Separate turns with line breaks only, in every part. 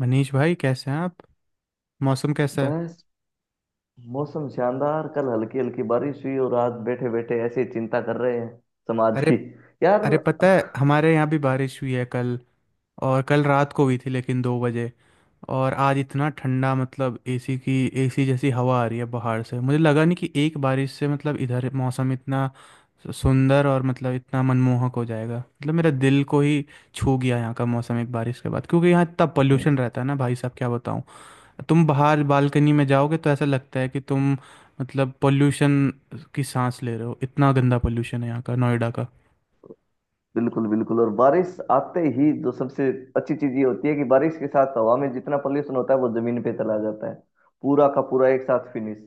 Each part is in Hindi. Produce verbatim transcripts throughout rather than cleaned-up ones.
मनीष भाई, कैसे हैं आप? मौसम कैसा है?
बस। मौसम शानदार। कल हल्की हल्की बारिश हुई और आज बैठे बैठे ऐसे ही चिंता कर रहे हैं समाज
अरे।
की। यार,
अरे, पता है हमारे यहाँ भी बारिश हुई है कल। और कल रात को हुई थी, लेकिन दो बजे। और आज इतना ठंडा, मतलब एसी की एसी जैसी हवा आ रही है बाहर से। मुझे लगा नहीं कि एक बारिश से, मतलब इधर मौसम इतना सु- सुंदर और मतलब इतना मनमोहक हो जाएगा। मतलब मेरा दिल को ही छू गया यहाँ का मौसम एक बारिश के बाद, क्योंकि यहाँ इतना हम्म। पोल्यूशन रहता है ना भाई साहब, क्या बताऊँ। तुम बाहर बालकनी में जाओगे तो ऐसा लगता है कि तुम मतलब पोल्यूशन की सांस ले रहे हो, इतना गंदा पोल्यूशन है यहाँ का, नोएडा का।
बिल्कुल बिल्कुल। और बारिश आते ही जो सबसे अच्छी चीज ये होती है कि बारिश के साथ हवा में जितना पोल्यूशन होता है वो जमीन पे चला जाता है, पूरा का पूरा एक साथ फिनिश।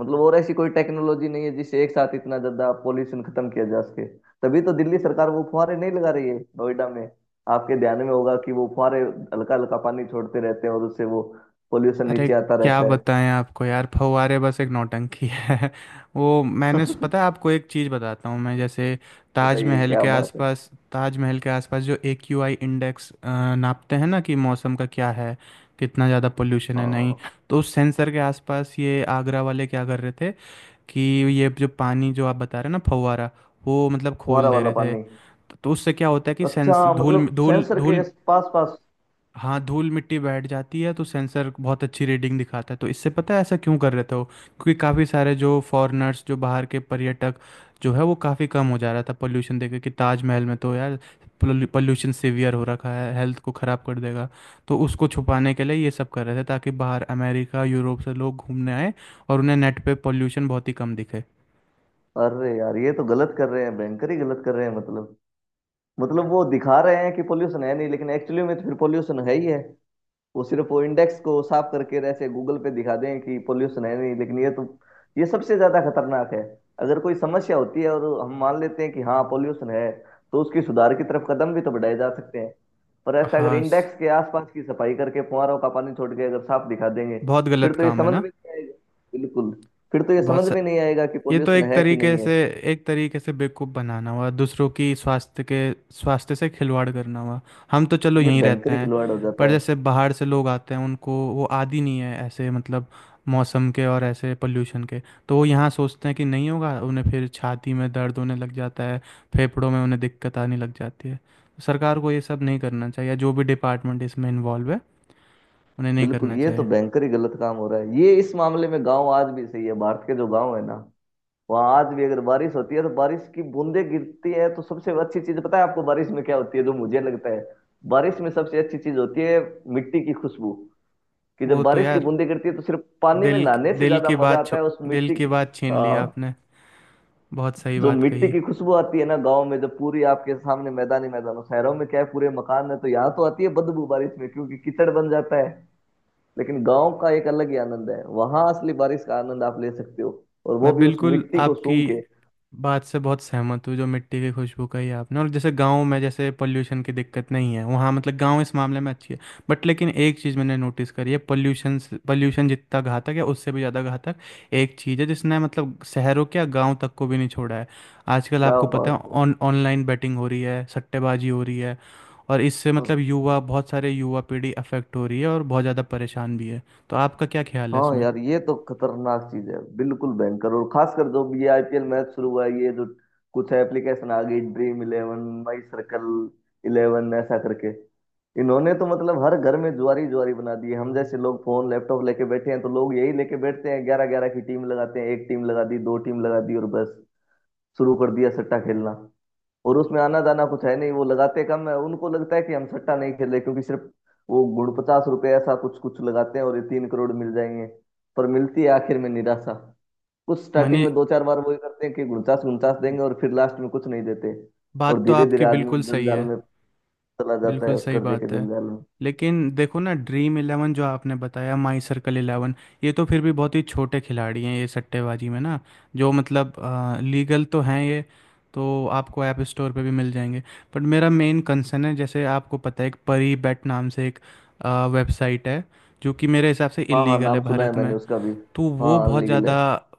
मतलब और ऐसी कोई टेक्नोलॉजी नहीं है जिससे एक साथ इतना ज्यादा पोल्यूशन खत्म किया जा सके। तभी तो दिल्ली सरकार वो फुहारे नहीं लगा रही है नोएडा में। आपके ध्यान में होगा कि वो फुहारे हल्का हल्का पानी छोड़ते रहते हैं और उससे वो पोल्यूशन
अरे,
नीचे आता
क्या
रहता है।
बताएं आपको यार, फव्वारे बस एक नौटंकी है। वो मैंने पता है आपको, एक चीज़ बताता हूँ मैं, जैसे
बताइए,
ताजमहल
क्या
के
बात है।
आसपास, ताजमहल के आसपास जो ए क्यू आई इंडेक्स नापते हैं ना, कि मौसम का क्या है, कितना ज़्यादा पोल्यूशन है, नहीं।
हाँ,
तो उस सेंसर के आसपास ये आगरा वाले क्या कर रहे थे कि, ये जो पानी जो आप बता रहे हैं ना, फव्वारा, वो मतलब खोल
फुहारा
दे
वाला
रहे थे
पानी।
तो, तो उससे क्या होता है कि
अच्छा,
सेंस धूल
मतलब
धूल
सेंसर के
धूल।
पास पास।
हाँ, धूल मिट्टी बैठ जाती है तो सेंसर बहुत अच्छी रीडिंग दिखाता है। तो इससे पता है ऐसा क्यों कर रहे थे वो, क्योंकि काफ़ी सारे जो फॉरेनर्स, जो बाहर के पर्यटक जो है, वो काफ़ी कम हो जा रहा था पोल्यूशन देख के कि ताजमहल में तो यार पोल्यूशन सीवियर हो रखा है, हेल्थ को ख़राब कर देगा। तो उसको छुपाने के लिए ये सब कर रहे थे, ताकि बाहर अमेरिका, यूरोप से लोग घूमने आए और उन्हें नेट पे पोल्यूशन बहुत ही कम दिखे।
अरे यार, ये तो गलत कर रहे हैं, भयंकर ही गलत कर रहे हैं। मतलब मतलब वो दिखा रहे हैं कि पोल्यूशन है नहीं, लेकिन एक्चुअली में तो फिर पोल्यूशन है ही है। वो सिर्फ वो इंडेक्स को साफ करके ऐसे गूगल पे दिखा दें कि पोल्यूशन है नहीं, लेकिन ये तो ये सबसे ज्यादा खतरनाक है। अगर कोई समस्या होती है और हम मान लेते हैं कि हाँ, पोल्यूशन है, तो उसकी सुधार की तरफ कदम भी तो बढ़ाए जा सकते हैं। पर ऐसा अगर
हाँ। स-
इंडेक्स के आसपास की सफाई करके फुहारों का पानी छोड़ के अगर साफ दिखा देंगे,
बहुत
फिर
गलत
तो ये
काम है
समझ में
ना।
नहीं आएगा। बिल्कुल। फिर तो ये समझ
बहुत
में
सर,
नहीं आएगा कि
ये तो
पोल्यूशन
एक
है कि नहीं
तरीके
है।
से, एक तरीके से बेवकूफ़ बनाना हुआ। दूसरों की स्वास्थ्य के स्वास्थ्य से खिलवाड़ करना हुआ। हम तो चलो
ये
यहीं रहते
भयंकर ही
हैं,
खिलवाड़ हो
पर
जाता है।
जैसे बाहर से लोग आते हैं उनको वो आदी नहीं है, ऐसे मतलब मौसम के और ऐसे पोल्यूशन के। तो वो यहाँ सोचते हैं कि नहीं होगा, उन्हें फिर छाती में दर्द होने लग जाता है, फेफड़ों में उन्हें दिक्कत आने लग जाती है। सरकार को ये सब नहीं करना चाहिए, जो भी डिपार्टमेंट इसमें इन्वॉल्व है उन्हें नहीं
बिल्कुल,
करना
ये तो
चाहिए।
भयंकर ही गलत काम हो रहा है। ये इस मामले में गांव आज भी सही है। भारत के जो गांव है ना, वहाँ आज भी अगर बारिश होती है तो बारिश की बूंदें गिरती है। तो सबसे अच्छी चीज पता है आपको बारिश में क्या होती है जो मुझे लगता है बारिश में सबसे अच्छी चीज होती है? मिट्टी की खुशबू। कि जब
वो तो
बारिश की
यार
बूंदें गिरती है तो सिर्फ पानी में
दिल
नहाने से
दिल
ज्यादा
की
मजा
बात
आता
छो-
है उस
दिल
मिट्टी
की
की।
बात छीन ली
हाँ,
आपने। बहुत सही
जो
बात
मिट्टी
कही।
की खुशबू आती है ना गाँव में, जब पूरी आपके सामने मैदान ही मैदान हो। शहरों में क्या है, पूरे मकान है, तो यहाँ तो आती है बदबू बारिश में, क्योंकि कीचड़ बन जाता है। लेकिन गाँव का एक अलग ही आनंद है, वहां असली बारिश का आनंद आप ले सकते हो, और वो
मैं
भी उस
बिल्कुल
मिट्टी को
आपकी
सूंघ के।
बात से बहुत सहमत हूँ, जो मिट्टी की खुशबू कही आपने, और जैसे गांव में, जैसे पोल्यूशन की दिक्कत नहीं है वहाँ, मतलब गांव इस मामले में अच्छी है। बट लेकिन एक चीज़ मैंने नोटिस करी है, पोल्यूशन, पोल्यूशन जितना घातक है उससे भी ज़्यादा घातक एक चीज़ है, जिसने मतलब शहरों क्या गांव तक को भी नहीं छोड़ा है। आजकल
क्या
आपको
बात
पता है
है।
ऑन ऑनलाइन बेटिंग हो रही है, सट्टेबाजी हो रही है। और इससे
और
मतलब युवा, बहुत सारे युवा पीढ़ी अफेक्ट हो रही है और बहुत ज़्यादा परेशान भी है। तो आपका क्या ख्याल है
हाँ
इसमें?
यार, ये तो खतरनाक चीज है, बिल्कुल भयंकर। और खासकर जब ये आईपीएल मैच शुरू हुआ है, ये जो कुछ एप्लीकेशन आ गई, dream eleven, my circle eleven ऐसा करके, इन्होंने तो मतलब हर घर में जुआरी जुआरी बना दी है। हम जैसे लोग फोन लैपटॉप लेके बैठे हैं तो लोग यही लेके बैठते हैं, ग्यारह ग्यारह की टीम लगाते हैं, एक टीम लगा दी, दो टीम लगा दी और बस शुरू कर दिया सट्टा खेलना। और उसमें आना जाना कुछ है नहीं, वो लगाते कम है। उनको लगता है कि हम सट्टा नहीं खेल रहे क्योंकि सिर्फ वो गुण पचास रुपए ऐसा कुछ कुछ लगाते हैं और ये तीन करोड़ मिल जाएंगे, पर मिलती है आखिर में निराशा। कुछ स्टार्टिंग
मानिए,
में दो चार बार वही करते हैं कि उनचास उनचास देंगे और फिर लास्ट में कुछ नहीं देते। और
बात तो
धीरे धीरे
आपकी
आदमी
बिल्कुल सही
जंजाल
है।
में चला जाता है,
बिल्कुल
उस
सही
कर्जे के
बात है।
जंजाल में।
लेकिन देखो ना, ड्रीम इलेवन जो आपने बताया, माई सर्कल इलेवन, ये तो फिर भी बहुत ही छोटे खिलाड़ी हैं ये सट्टेबाजी में ना। जो मतलब लीगल तो हैं ये, तो आपको ऐप स्टोर पे भी मिल जाएंगे। बट मेरा मेन कंसर्न है, जैसे आपको पता है, एक परी बैट नाम से एक वेबसाइट है जो कि मेरे हिसाब से
हाँ हाँ,
इलीगल
नाम
है
सुना है
भारत
मैंने
में।
उसका भी।
तो
हाँ,
वो बहुत
अनलीगल है।
ज़्यादा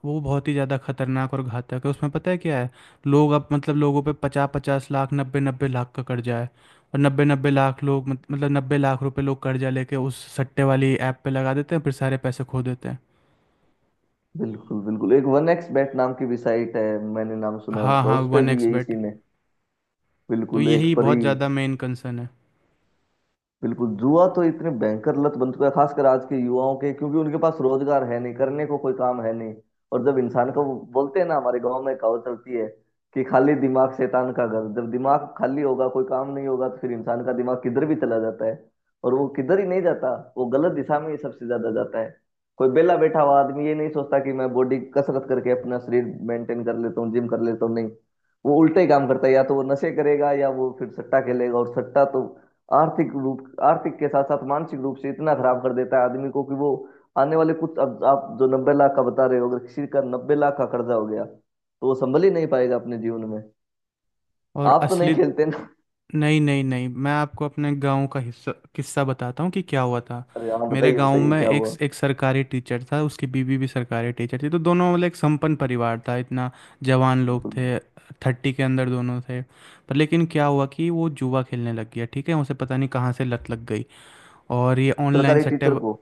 वो बहुत ही ज़्यादा खतरनाक और घातक है। उसमें पता है क्या है, लोग अब मतलब लोगों पे पचास पचास लाख, नब्बे नब्बे लाख का कर्जा है। और नब्बे नब्बे लाख लोग मत- मतलब नब्बे लाख रुपए लोग कर्जा लेके उस सट्टे वाली ऐप पे लगा देते हैं, फिर सारे पैसे खो देते हैं।
बिल्कुल बिल्कुल। एक वन एक्स बेट नाम की भी साइट है, मैंने नाम सुना है
हाँ
उसका,
हाँ,
उस पे
वन
भी
एक्स
यही
बेट।
सीन है।
तो
बिल्कुल, एक
यही
परी।
बहुत ज़्यादा मेन कंसर्न है।
बिल्कुल, जुआ तो इतने भयंकर लत बन चुका है, खासकर आज के युवाओं के, क्योंकि उनके पास रोजगार है नहीं, करने को कोई काम है नहीं। और जब इंसान को, बोलते हैं ना, हमारे गांव में कहावत चलती है कि खाली दिमाग शैतान का घर। जब दिमाग खाली होगा, कोई काम नहीं होगा, तो फिर इंसान का दिमाग किधर भी चला जाता है। और वो किधर ही नहीं जाता, वो गलत दिशा में ही सबसे ज्यादा जाता है। कोई बेला बैठा हुआ आदमी ये नहीं सोचता कि मैं बॉडी कसरत करके अपना शरीर मेंटेन कर लेता हूँ, जिम कर लेता हूँ, नहीं। वो उल्टे ही काम करता है, या तो वो नशे करेगा या वो फिर सट्टा खेलेगा। और सट्टा तो आर्थिक रूप, आर्थिक के साथ साथ मानसिक रूप से इतना खराब कर देता है आदमी को कि वो आने वाले कुछ, अब आप जो नब्बे लाख का बता रहे हो, अगर किसी का नब्बे लाख का कर्जा हो गया तो वो संभल ही नहीं पाएगा अपने जीवन में।
और
आप तो नहीं
असली
खेलते ना?
नहीं नहीं नहीं, मैं आपको अपने गांव का हिस्सा किस्सा बताता हूँ कि क्या हुआ था।
अरे हाँ,
मेरे
बताइए
गांव
बताइए,
में
क्या
एक
हुआ?
एक सरकारी टीचर था, उसकी बीवी भी सरकारी टीचर थी। तो दोनों मतलब एक संपन्न परिवार था इतना। जवान लोग
बिल्कुल।
थे, थर्टी के अंदर दोनों थे। पर लेकिन क्या हुआ कि वो जुआ खेलने लग गया, ठीक है। उसे पता नहीं कहाँ से लत लग गई। और ये ऑनलाइन
सरकारी
सट्टे,
टीचर को?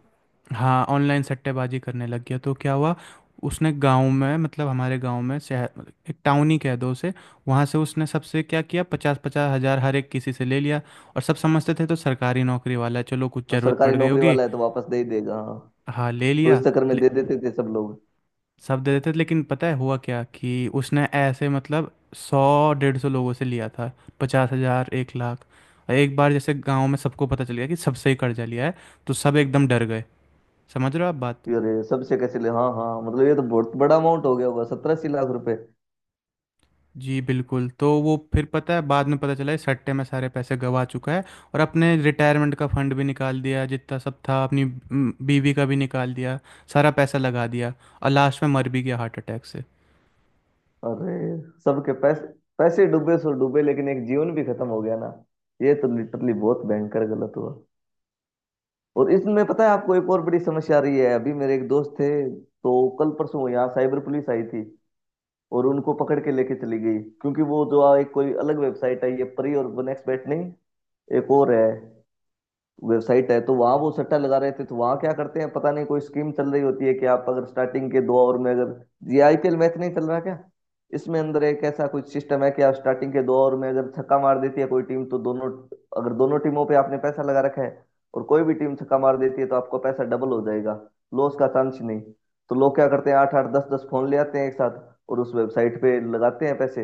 हाँ, ऑनलाइन सट्टेबाजी करने लग गया। तो क्या हुआ, उसने गांव में मतलब हमारे गांव में, शहर मतलब एक टाउन ही कह दो उसे, वहाँ से उसने सबसे क्या किया, पचास पचास हज़ार हर एक किसी से ले लिया। और सब समझते थे तो सरकारी नौकरी वाला है, चलो कुछ
और
ज़रूरत
सरकारी
पड़ गई
नौकरी
होगी।
वाला है तो वापस दे ही देगा, हाँ।
हाँ, ले
तो इस
लिया।
चक्कर में
ले,
दे देते थे सब लोग।
सब दे देते थे, लेकिन पता है हुआ क्या कि उसने ऐसे मतलब सौ डेढ़ सौ लोगों से लिया था, पचास हज़ार, एक लाख। और एक बार जैसे गांव में सबको पता चल गया कि सबसे ही कर्जा लिया है, तो सब एकदम डर गए। समझ रहे हो आप बात?
कि अरे सबसे कैसे ले, हाँ हाँ, मतलब ये तो बहुत बड़ा अमाउंट हो गया होगा, सत्रह अस्सी लाख रुपए।
जी बिल्कुल। तो वो फिर पता है बाद में पता चला इस सट्टे में सारे पैसे गवा चुका है, और अपने रिटायरमेंट का फंड भी निकाल दिया, जितना सब था। अपनी म, बीवी का भी निकाल दिया, सारा पैसा लगा दिया। और लास्ट में मर भी गया हार्ट अटैक से।
अरे सबके पैसे, पैसे डूबे सो डूबे, लेकिन एक जीवन भी खत्म हो गया ना। ये तो लिटरली बहुत भयंकर गलत हुआ। और इसमें पता है आपको, एक और बड़ी समस्या आ रही है। अभी मेरे एक दोस्त थे, तो कल परसों यहाँ साइबर पुलिस आई थी और उनको पकड़ के लेके चली गई। क्योंकि वो जो आ- एक कोई अलग वेबसाइट आई है, परी और नेक्स्ट बैट नहीं, एक और है वेबसाइट है। तो वहां वो सट्टा लगा रहे थे तो वहां क्या करते हैं, पता नहीं कोई स्कीम चल रही होती है कि आप अगर स्टार्टिंग के दो ओवर में, अगर ये आईपीएल मैच नहीं चल रहा क्या, इसमें अंदर एक ऐसा कुछ सिस्टम है कि आप स्टार्टिंग के दो ओवर में अगर छक्का मार देती है कोई टीम तो दोनों, अगर दोनों टीमों पे आपने पैसा लगा रखा है और कोई भी टीम छक्का मार देती है तो आपका पैसा डबल हो जाएगा, लॉस का चांस ही नहीं। तो लोग क्या करते हैं, आठ आठ दस दस फोन ले आते हैं एक साथ और उस वेबसाइट पे लगाते हैं पैसे।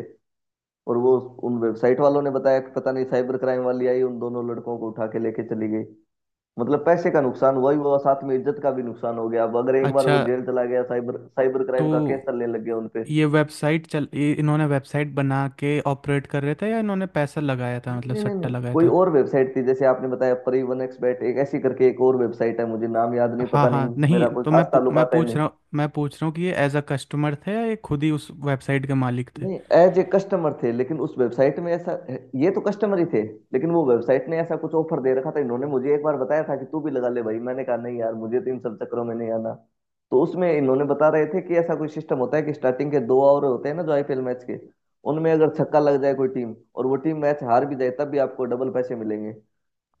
और वो उन वेबसाइट वालों ने बताया कि पता नहीं साइबर क्राइम वाली आई, उन दोनों लड़कों को उठा के लेके चली गई। मतलब पैसे का नुकसान हुआ ही हुआ, साथ में इज्जत का भी नुकसान हो गया। अब अगर एक बार
अच्छा।
वो जेल चला गया, साइबर साइबर
तो
क्राइम का केस चलने लग गया उनपे।
ये वेबसाइट चल ये इन्होंने वेबसाइट बना के ऑपरेट कर रहे थे, या इन्होंने पैसा लगाया था,
नहीं
मतलब
नहीं नहीं
सट्टा
नहीं,
लगाया
कोई
था?
और वेबसाइट थी। जैसे आपने बताया परिवन एक्सबेट, एक ऐसी करके एक और वेबसाइट है, मुझे नाम याद नहीं।
हाँ
पता नहीं,
हाँ। नहीं
मेरा कोई
तो मैं
खास
पू- मैं
ताल्लुकात है
पूछ
नहीं।
रहा हूँ मैं पूछ रहा हूँ कि ये एज अ कस्टमर थे या ये खुद ही उस वेबसाइट के मालिक थे?
नहीं, एज ए कस्टमर थे। लेकिन उस वेबसाइट में ऐसा, ये तो कस्टमर ही थे, लेकिन वो वेबसाइट ने ऐसा कुछ ऑफर दे रखा था। इन्होंने मुझे एक बार बताया था कि तू भी लगा ले भाई, मैंने कहा नहीं यार, मुझे तो इन सब चक्करों में नहीं आना। तो उसमें इन्होंने बता रहे थे कि ऐसा कोई सिस्टम होता है कि स्टार्टिंग के दो ओवर होते हैं ना जो आईपीएल मैच के, उनमें अगर छक्का लग जाए कोई टीम और वो टीम मैच हार भी जाए, तब भी आपको डबल पैसे मिलेंगे।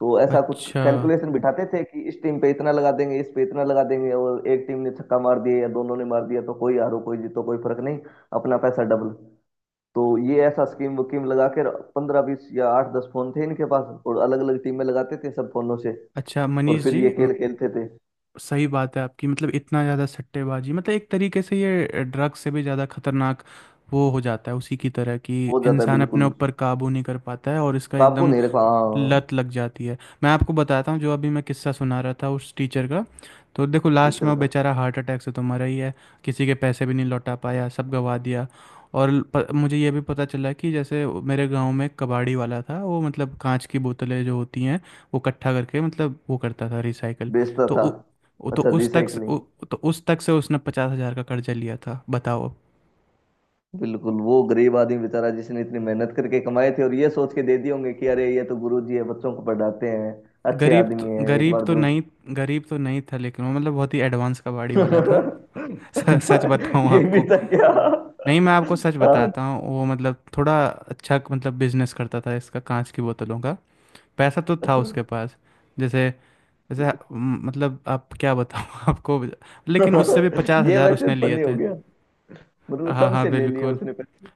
तो ऐसा कुछ
अच्छा।
कैलकुलेशन बिठाते थे कि इस टीम पे इतना लगा देंगे, इस पे इतना लगा देंगे, और एक टीम ने छक्का मार दिया या दोनों ने मार दिया, तो कोई हारो कोई जीतो, कोई फर्क नहीं। अपना पैसा डबल। तो ये ऐसा स्कीम वकीम लगा के पंद्रह बीस या आठ दस फोन थे इनके पास, और अलग अलग टीमें लगाते थे सब फोनों से,
अच्छा
और
मनीष
फिर
जी,
ये खेल खेलते थे।
सही बात है आपकी, मतलब इतना ज़्यादा सट्टेबाजी, मतलब एक तरीके से ये ड्रग से भी ज़्यादा खतरनाक वो हो जाता है, उसी की तरह कि
हो जाता है
इंसान अपने
बिल्कुल।
ऊपर काबू नहीं कर पाता है और इसका
काबू
एकदम
नहीं रखा, हाँ।
लत लग जाती है। मैं आपको बताता हूँ, जो अभी मैं किस्सा सुना रहा था उस टीचर का, तो देखो लास्ट में
टीचर
वो
का?
बेचारा हार्ट अटैक से तो मरा ही है, किसी के पैसे भी नहीं लौटा पाया, सब गवा दिया। और प, मुझे ये भी पता चला कि जैसे मेरे गांव में एक कबाड़ी वाला था, वो मतलब कांच की बोतलें जो होती हैं वो इकट्ठा करके मतलब वो करता था रिसाइकल।
बेचता
तो
था।
उ, उ- तो
अच्छा,
उस तक से
रिसाइकलिंग।
उ, तो उस तक से उसने पचास हज़ार का कर्जा लिया था, बताओ।
बिल्कुल, वो गरीब आदमी बेचारा जिसने इतनी मेहनत करके कमाए थे, और ये सोच के दे दिए होंगे कि अरे ये तो गुरु जी है, बच्चों को पढ़ाते हैं, अच्छे
गरीब तो
आदमी है, एक
गरीब
बार
तो
जरूर।
नहीं गरीब तो नहीं था, लेकिन वो मतलब बहुत ही एडवांस कबाड़ी वाला था। स-
अच्छा,
सच बताऊं
ये भी
आपको,
था क्या?
नहीं मैं आपको सच
हाँ,
बताता हूँ, वो मतलब थोड़ा अच्छा मतलब बिजनेस करता था इसका, कांच की बोतलों का, पैसा तो था
अच्छा।
उसके पास। जैसे जैसे म, मतलब आप क्या बताऊँ आपको, लेकिन उससे भी पचास
ये
हजार
वैसे
उसने लिए
फनी हो
थे।
गया, मतलब
हाँ हाँ
सबसे ले लिया
बिल्कुल।
उसने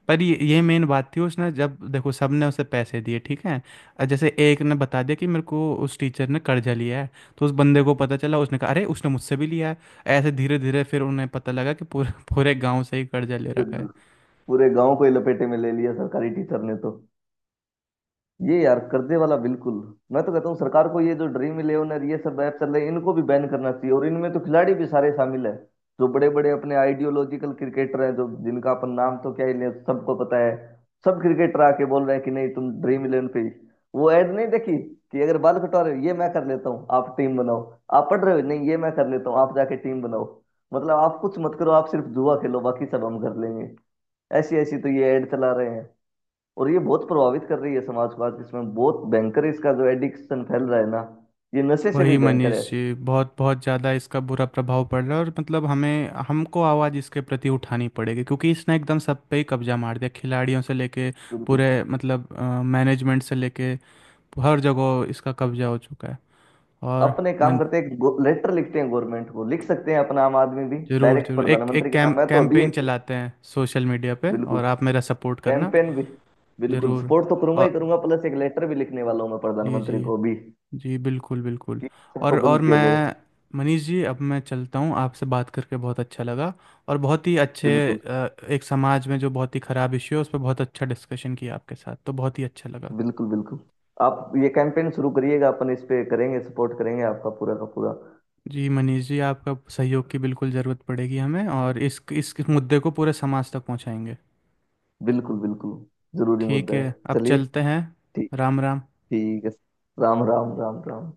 पर ये ये मेन बात थी, उसने जब देखो सबने उसे पैसे दिए, ठीक है। अ, जैसे एक ने बता दिया कि मेरे को उस टीचर ने कर्जा लिया है, तो उस बंदे को पता चला, उसने कहा अरे उसने मुझसे भी लिया है। ऐसे धीरे धीरे फिर उन्हें पता लगा कि पूरे पूरे गांव से ही कर्जा ले रखा
पैसे।
है।
पूरे गांव को ही लपेटे में ले लिया सरकारी टीचर ने तो। ये यार, कर्जे वाला, बिल्कुल। मैं तो कहता हूँ सरकार को, ये जो ड्रीम इलेवन, ये सब ऐप चल रहे हैं, इनको भी बैन करना चाहिए। और इनमें तो खिलाड़ी भी सारे शामिल है, जो बड़े बड़े अपने आइडियोलॉजिकल क्रिकेटर हैं, जो जिनका अपन नाम तो क्या ही ले, सबको पता है। सब क्रिकेटर आके बोल रहे हैं कि नहीं, तुम ड्रीम इलेवन पे, वो ऐड नहीं देखी कि अगर बाल कटवा रहे हो, ये मैं कर लेता हूँ, आप टीम बनाओ। आप पढ़ रहे हो, नहीं ये मैं कर लेता हूँ, आप जाके टीम बनाओ। मतलब आप कुछ मत करो, आप सिर्फ जुआ खेलो, बाकी सब हम कर लेंगे। ऐसी ऐसी तो ये ऐड चला रहे हैं। और ये बहुत प्रभावित कर रही है समाज को, आज इसमें बहुत भयंकर इसका जो एडिक्शन फैल रहा है ना, ये नशे से भी
वही
भयंकर है।
मनीष जी, बहुत बहुत ज़्यादा इसका बुरा प्रभाव पड़ रहा है। और मतलब हमें हमको आवाज़ इसके प्रति उठानी पड़ेगी, क्योंकि इसने एकदम सब पे ही कब्जा मार दिया, खिलाड़ियों से लेके
बिल्कुल।
पूरे मतलब मैनेजमेंट से लेके हर जगह इसका कब्जा हो चुका है। और
अपने काम
मन
करते हैं, लेटर लिखते हैं, गवर्नमेंट को लिख सकते हैं अपना आम आदमी भी।
जरूर
डायरेक्ट
जरूर, एक एक
प्रधानमंत्री के
कैम
नाम है तो अभी
कैंपेन
एक।
चलाते हैं सोशल मीडिया पे,
बिल्कुल।
और आप मेरा सपोर्ट करना।
कैंपेन भी। बिल्कुल,
जरूर।
सपोर्ट तो करूंगा ही
और
करूंगा, प्लस एक लेटर भी लिखने वाला हूँ मैं
जी जी,
प्रधानमंत्री को अभी कि
जी बिल्कुल बिल्कुल।
सबको
और और
बंद किया जाए।
मैं मनीष जी, अब मैं चलता हूँ, आपसे बात करके बहुत अच्छा लगा। और बहुत ही अच्छे,
बिल्कुल
अ, एक समाज में जो बहुत ही ख़राब इश्यू है उस पर बहुत अच्छा डिस्कशन किया आपके साथ, तो बहुत ही अच्छा लगा।
बिल्कुल। बिल्कुल आप ये कैंपेन शुरू करिएगा, अपन इस पे करेंगे, सपोर्ट करेंगे आपका पूरा का पूरा।
जी मनीष जी, आपका सहयोग की बिल्कुल ज़रूरत पड़ेगी हमें, और इस इस मुद्दे को पूरे समाज तक पहुँचाएंगे।
बिल्कुल बिल्कुल, जरूरी
ठीक
मुद्दा
है,
है।
अब
चलिए।
चलते हैं।
ठीक।
राम राम।
ठीक है। राम राम राम राम।